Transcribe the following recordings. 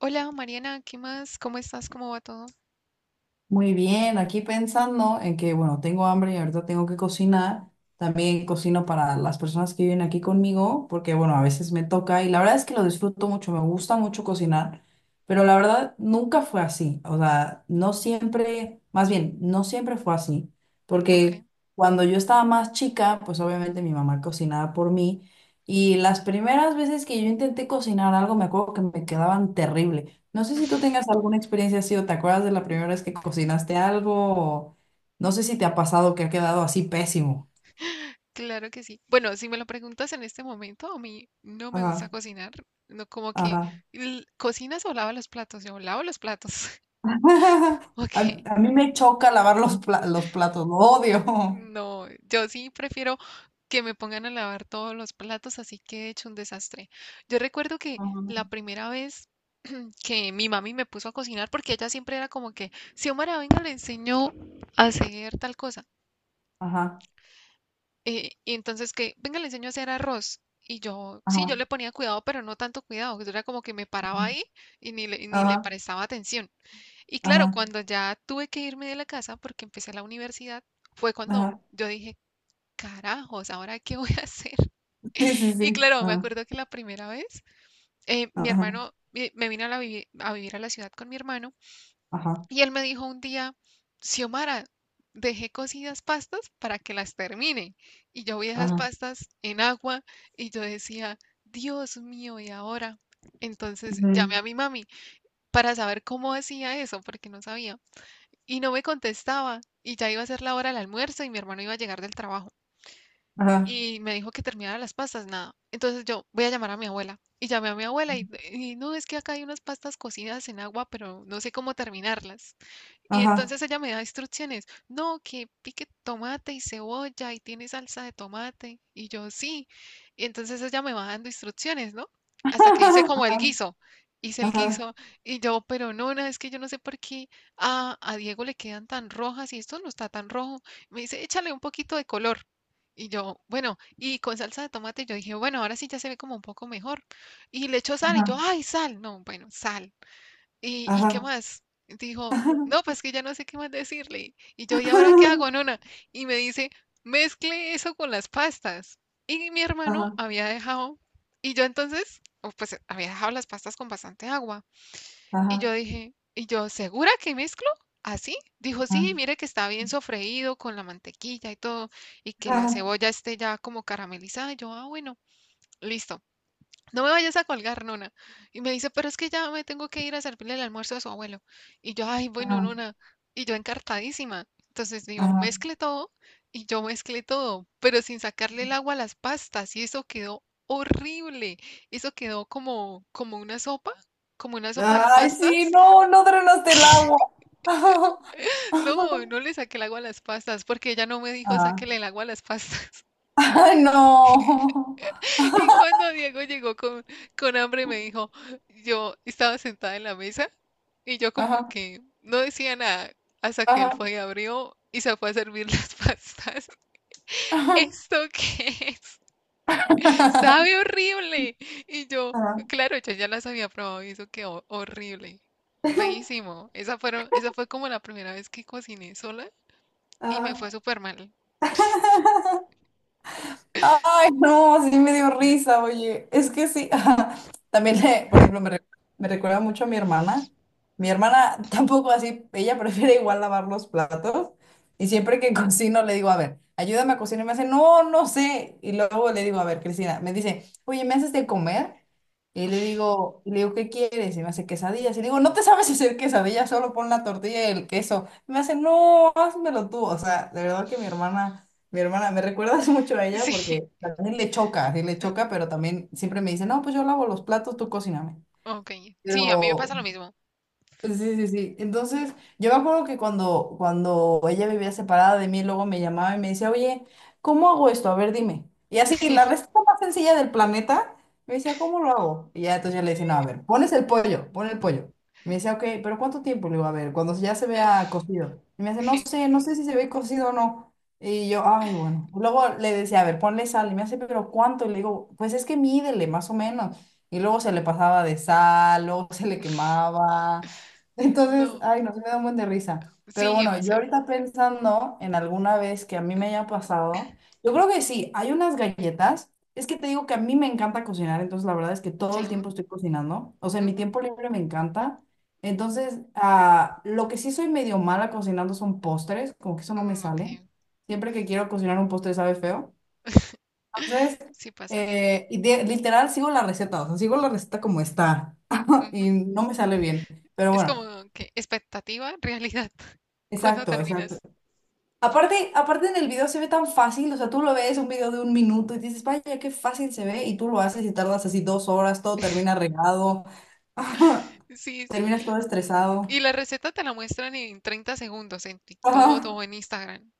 Hola Mariana, ¿qué más? ¿Cómo estás? ¿Cómo va todo? Muy bien, aquí pensando en que, bueno, tengo hambre y ahorita tengo que cocinar. También cocino para las personas que viven aquí conmigo, porque, bueno, a veces me toca y la verdad es que lo disfruto mucho, me gusta mucho cocinar, pero la verdad nunca fue así. O sea, no siempre, más bien, no siempre fue así, Ok, porque cuando yo estaba más chica, pues obviamente mi mamá cocinaba por mí y las primeras veces que yo intenté cocinar algo, me acuerdo que me quedaban terribles. No sé si tú tengas alguna experiencia así o te acuerdas de la primera vez que cocinaste algo o no sé si te ha pasado que ha quedado así pésimo. claro que sí. Bueno, si me lo preguntas en este momento, a mí no me gusta Ajá, cocinar. No, como que ajá. ¿Cocinas o lavas los platos? Yo lavo los platos. A, Ok, a mí me choca lavar los platos, lo odio. no, yo sí prefiero que me pongan a lavar todos los platos, así que he hecho un desastre. Yo recuerdo que la primera vez que mi mami me puso a cocinar, porque ella siempre era como que, Xiomara, venga, le enseño a hacer tal cosa. Ajá, ajá, Y entonces que, venga, le enseño a hacer arroz. Y yo, sí, yo ajá, le ponía cuidado, pero no tanto cuidado, que yo era como que me paraba ahí y ni le ajá, prestaba atención. Y claro, ajá, cuando ya tuve que irme de la casa porque empecé la universidad, fue cuando ajá. yo dije, carajos, ¿ahora qué voy a hacer? Sí, sí, sí. Y claro, me Ajá, acuerdo que la primera vez, mi ajá, hermano, me vine a, a vivir a la ciudad con mi hermano ajá, y él me dijo un día, Xiomara, dejé cocidas pastas para que las termine. Y yo vi esas ajá. pastas en agua y yo decía, Dios mío, ¿y ahora? Entonces llamé Ujú. a mi mami para saber cómo hacía eso, porque no sabía. Y no me contestaba. Y ya iba a ser la hora del almuerzo y mi hermano iba a llegar del trabajo. Ajá, Y me dijo que terminara las pastas, nada. Entonces yo voy a llamar a mi abuela. Y llamé a mi abuela y no, es que acá hay unas pastas cocidas en agua, pero no sé cómo terminarlas. Y ajá. entonces ella me da instrucciones, no, que pique tomate y cebolla y tiene salsa de tomate. Y yo sí. Y entonces ella me va dando instrucciones, ¿no? Hasta que hice como el guiso. Hice el Ajá, guiso y yo, pero no, no, es que yo no sé por qué a Diego le quedan tan rojas y esto no está tan rojo. Me dice, échale un poquito de color. Y yo, bueno, y con salsa de tomate, yo dije, bueno, ahora sí ya se ve como un poco mejor. Y le echo sal y yo, ajá, ay, sal. No, bueno, sal. Y qué ajá, más? Dijo, ajá. no, pues que ya no sé qué más decirle. Y yo, ¿y ahora qué hago, nona? Y me dice, mezcle eso con las pastas. Y mi hermano Ajá, había dejado, y yo entonces, o pues había dejado las pastas con bastante agua. Y ajá, yo dije, ¿y yo segura que mezclo? ¿Así? Dijo, sí, mire que está bien sofreído con la mantequilla y todo, y que la ajá, cebolla esté ya como caramelizada. Y yo, ah, bueno, listo. No me vayas a colgar, nona. Y me dice, pero es que ya me tengo que ir a servirle el almuerzo a su abuelo. Y yo, ay, bueno, ajá. nona. Y yo encartadísima. Entonces digo, Ajá. mezcle todo. Y yo mezclé todo, pero sin sacarle el agua a las pastas. Y eso quedó horrible. Eso quedó como, como una sopa de Ay, sí, pastas. no, no drenaste el agua. No, no le saqué el agua a las pastas porque ella no me dijo, Ajá. Ajá. sáquele el agua a las pastas. Ay, no. Y cuando Diego llegó con hambre, me dijo, yo estaba sentada en la mesa y yo como Ajá, que no decía nada hasta que él ajá, fue y abrió y se fue a servir las pastas. ¿Esto qué es? Sabe horrible. Y yo, ajá, ajá. claro, yo ya las había probado y eso quedó horrible. Feísimo. Esa fueron, esa fue como la primera vez que cociné sola y me fue Ajá. súper mal. Ay, no, sí me dio ¿Eh? risa, oye. Es que sí, ajá. También, por ejemplo, me recuerda mucho a mi hermana. Mi hermana tampoco así, ella prefiere igual lavar los platos. Y siempre que cocino le digo, a ver, ayúdame a cocinar. Y me hace, no, no sé. Y luego le digo, a ver, Cristina, me dice, oye, ¿me haces de comer? Y le digo, ¿qué quieres? Y me hace quesadillas. Y le digo, no te sabes hacer quesadillas, solo pon la tortilla y el queso. Y me hace, no, házmelo tú. O sea, de verdad que mi hermana. Mi hermana, me recuerdas mucho a ella Sí, porque también le choca, sí le choca, pero también siempre me dice, no, pues yo lavo los platos, tú cocíname. ok. Sí, a mí me Pero, pasa lo mismo. Sí, sí, sí. Entonces, yo me acuerdo que cuando ella vivía separada de mí, luego me llamaba y me decía, oye, ¿cómo hago esto? A ver, dime. Y así, la receta más sencilla del planeta, me decía, ¿cómo lo hago? Y ya entonces yo le decía, no, a ver, pones el pollo, pon el pollo. Me decía, ok, pero ¿cuánto tiempo? Le digo, a ver, cuando ya se vea cocido. Y me dice, no sé, no sé si se ve cocido o no. Y yo, ay, bueno. Luego le decía, a ver, ponle sal. Y me hace, pero ¿cuánto? Y le digo, pues es que mídele, más o menos. Y luego se le pasaba de sal, luego se le quemaba. Entonces, No, ay, no, se me da un buen de risa. Pero sí, bueno, o yo sea. ahorita pensando en alguna vez que a mí me haya pasado, yo creo que sí, hay unas galletas. Es que te digo que a mí me encanta cocinar, entonces la verdad es que todo el Sí, tiempo estoy cocinando. O sea, en mi ujú, tiempo libre me encanta. Entonces, ah, lo que sí soy medio mala cocinando son postres, como que eso no mm, me ok, sale. Siempre que quiero cocinar un postre sabe feo. Entonces, sí pasa. Literal sigo la receta, o sea, sigo la receta como está Ujú. y no me sale bien. Pero Es bueno. como que expectativa, realidad, cuando Exacto, exacto. terminas. Aparte, aparte en el video se ve tan fácil, o sea, tú lo ves un video de 1 minuto y dices, vaya, qué fácil se ve, y tú lo haces y tardas así 2 horas, todo termina regado, ajá, Sí, sí. terminas todo estresado. Y la receta te la muestran en 30 segundos en TikTok Ajá, o en Instagram.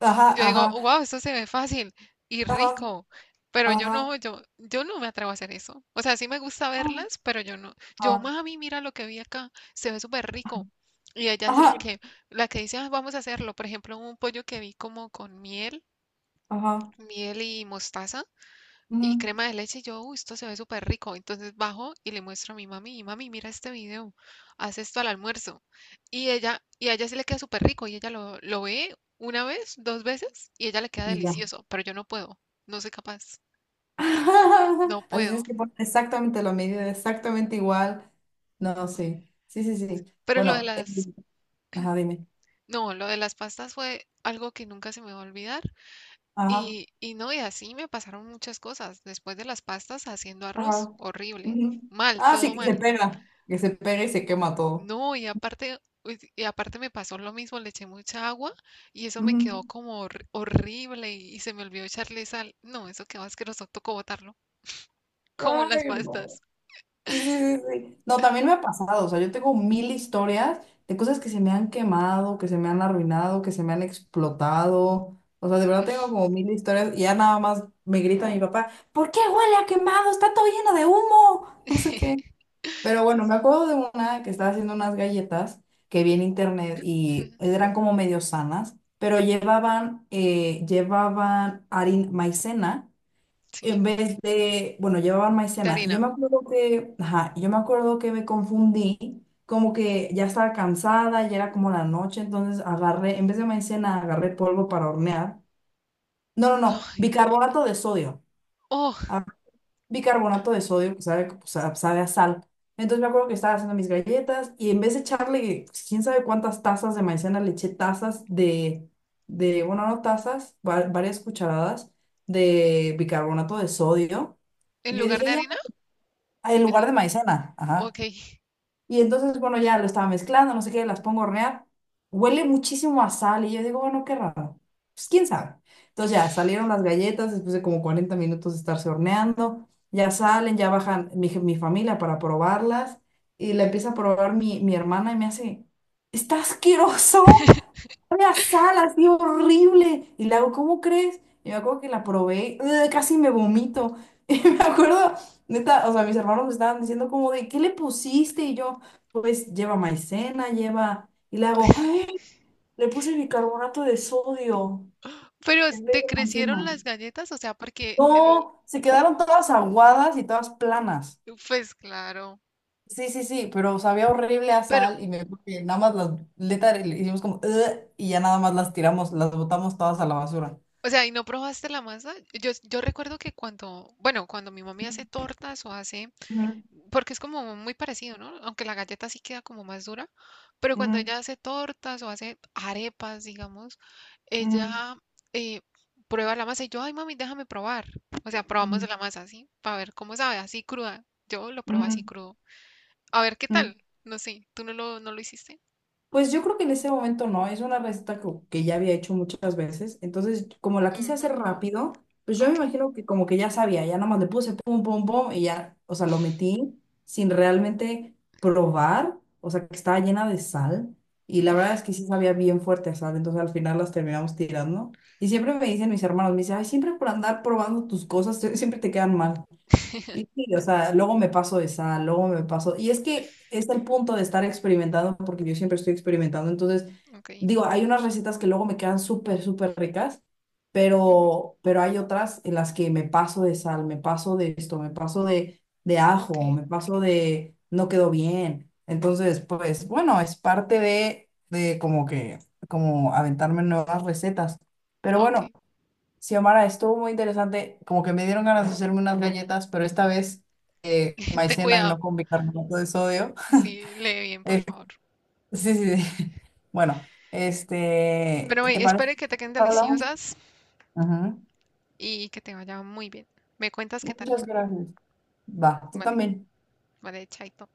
ajá, Y Yo digo, ajá, wow, esto se ve fácil y ajá, rico, pero yo ajá, no, yo no me atrevo a hacer eso. O sea, sí me gusta verlas, pero yo no. Yo, ajá, mami, mira lo que vi acá, se ve súper rico. Y ella es ajá, la que dice, "Ah, vamos a hacerlo". Por ejemplo, un pollo que vi como con miel ajá, miel y mostaza y ujú, crema de leche. Y yo, uy, esto se ve súper rico. Entonces bajo y le muestro a mi mami, mami, mira este video, haz esto al almuerzo. Y ella, y a ella sí le queda súper rico y ella lo ve una vez, dos veces y ella le queda y ya. delicioso, pero yo no puedo, no soy capaz, no Así puedo. es que pones exactamente lo medida, exactamente igual. No, sí, sí, sí, sí. Pero lo de Bueno, las, ajá, dime. no, lo de las pastas fue algo que nunca se me va a olvidar. Y no, y así me pasaron muchas cosas. Después de las pastas haciendo arroz, Ajá. horrible. Ujú. Mal, Ah, sí, todo que se mal. pega. Que se pega y se quema todo. No, y aparte, uy, y aparte me pasó lo mismo, le eché mucha agua y eso me Ujú. quedó como horrible y se me olvidó echarle sal. No, eso quedó asqueroso, tocó botarlo, como las Ay, pastas. no. Sí, sí, sí, sí. No, también me ha pasado. O sea, yo tengo mil historias de cosas que se me han quemado, que se me han arruinado, que se me han explotado. O sea, de verdad tengo como mil historias y ya nada más me grita mi papá, ¿por qué huele a quemado? Está todo lleno de humo. No sé qué. Pero bueno, me acuerdo de una que estaba haciendo unas galletas que vi en internet y eran como medio sanas, pero llevaban harina, maicena en Sí, vez de, bueno, llevaban de maicena. Y yo harina. me acuerdo que, ajá, yo me acuerdo que me confundí, como que ya estaba cansada, ya era como la noche, entonces agarré, en vez de maicena, agarré polvo para hornear. No, no, no, Ay, bicarbonato de sodio oh, bicarbonato de sodio que sabe, pues, sabe a sal. Entonces me acuerdo que estaba haciendo mis galletas y en vez de echarle pues, quién sabe cuántas tazas de maicena, le eché tazas de, bueno, no tazas, varias cucharadas de bicarbonato de sodio. en Y yo lugar de dije, ya, harina, en lugar el- de maicena, ajá. ok. Y entonces, bueno, ya lo estaba mezclando, no sé qué, las pongo a hornear. Huele muchísimo a sal y yo digo, bueno, qué raro. Pues quién sabe. Entonces ya salieron las galletas después de como 40 minutos de estarse horneando. Ya salen, ya bajan mi familia para probarlas. Y la empieza a probar mi hermana y me hace, está asqueroso. Sabe a sal, así horrible. Y le hago, ¿cómo crees? Y me acuerdo que la probé, ¡ugh! Casi me vomito. Y me acuerdo, neta, o sea, mis hermanos me estaban diciendo como de, ¿qué le pusiste? Y yo, pues lleva maicena, lleva, y le hago, ¡ay! Le puse bicarbonato de sodio Pero en vez te de crecieron maicena. las galletas, o sea, porque, No, se quedaron todas aguadas y todas planas. pues claro, Sí, sí, sí, pero sabía horrible a pero, sal y me acuerdo que nada más las neta, le hicimos como "ugh", y ya nada más las tiramos, las botamos todas a la basura. o sea, ¿y no probaste la masa? Yo recuerdo que cuando, bueno, cuando mi mami hace tortas o hace… Ujú, Porque es como muy parecido, ¿no? Aunque la galleta sí queda como más dura, pero cuando ujú, ella hace tortas o hace arepas, digamos, ella ujú, eh, prueba la masa y yo, ay mami, déjame probar. O sea, probamos ujú, la masa así, para ver cómo sabe, así cruda. Yo lo probé así ujú, crudo. A ver qué ujú. tal. No sé, ¿tú no no lo hiciste? Pues yo creo que en ese momento no, es una receta que ya había hecho muchas veces, entonces como la quise Ujú, hacer rápido, pues yo me ok, imagino que como que ya sabía, ya nomás le puse pum, pum, pum y ya, o sea, lo metí sin realmente probar, o sea, que estaba llena de sal y la verdad es que sí sabía bien fuerte a sal, entonces al final las terminamos tirando y siempre me dicen mis hermanos, me dicen, ay, siempre por andar probando tus cosas, siempre te quedan mal. Y sí, o sea, luego me paso de sal, luego me paso. Y es que es el punto de estar experimentando, porque yo siempre estoy experimentando. Entonces, ok, digo, hay unas recetas que luego me quedan súper, súper ricas, ujú, pero hay otras en las que me paso de sal, me paso de esto, me paso de ok, ajo, me paso de no quedó bien. Entonces, pues bueno, es parte de, como que, como aventarme nuevas recetas. Pero bueno. ok. Xiomara, estuvo muy interesante. Como que me dieron ganas de hacerme unas galletas, pero esta vez Ten maicena y cuidado. no con bicarbonato de sodio. Sí, lee bien, por Eh, favor. sí, sí, sí. Bueno, este, Pero ¿te bueno, parece espero que que te queden hablamos? deliciosas Ujú. y que te vaya muy bien. ¿Me cuentas qué tal? Muchas gracias. Va, tú Vale, también. vale, chaito.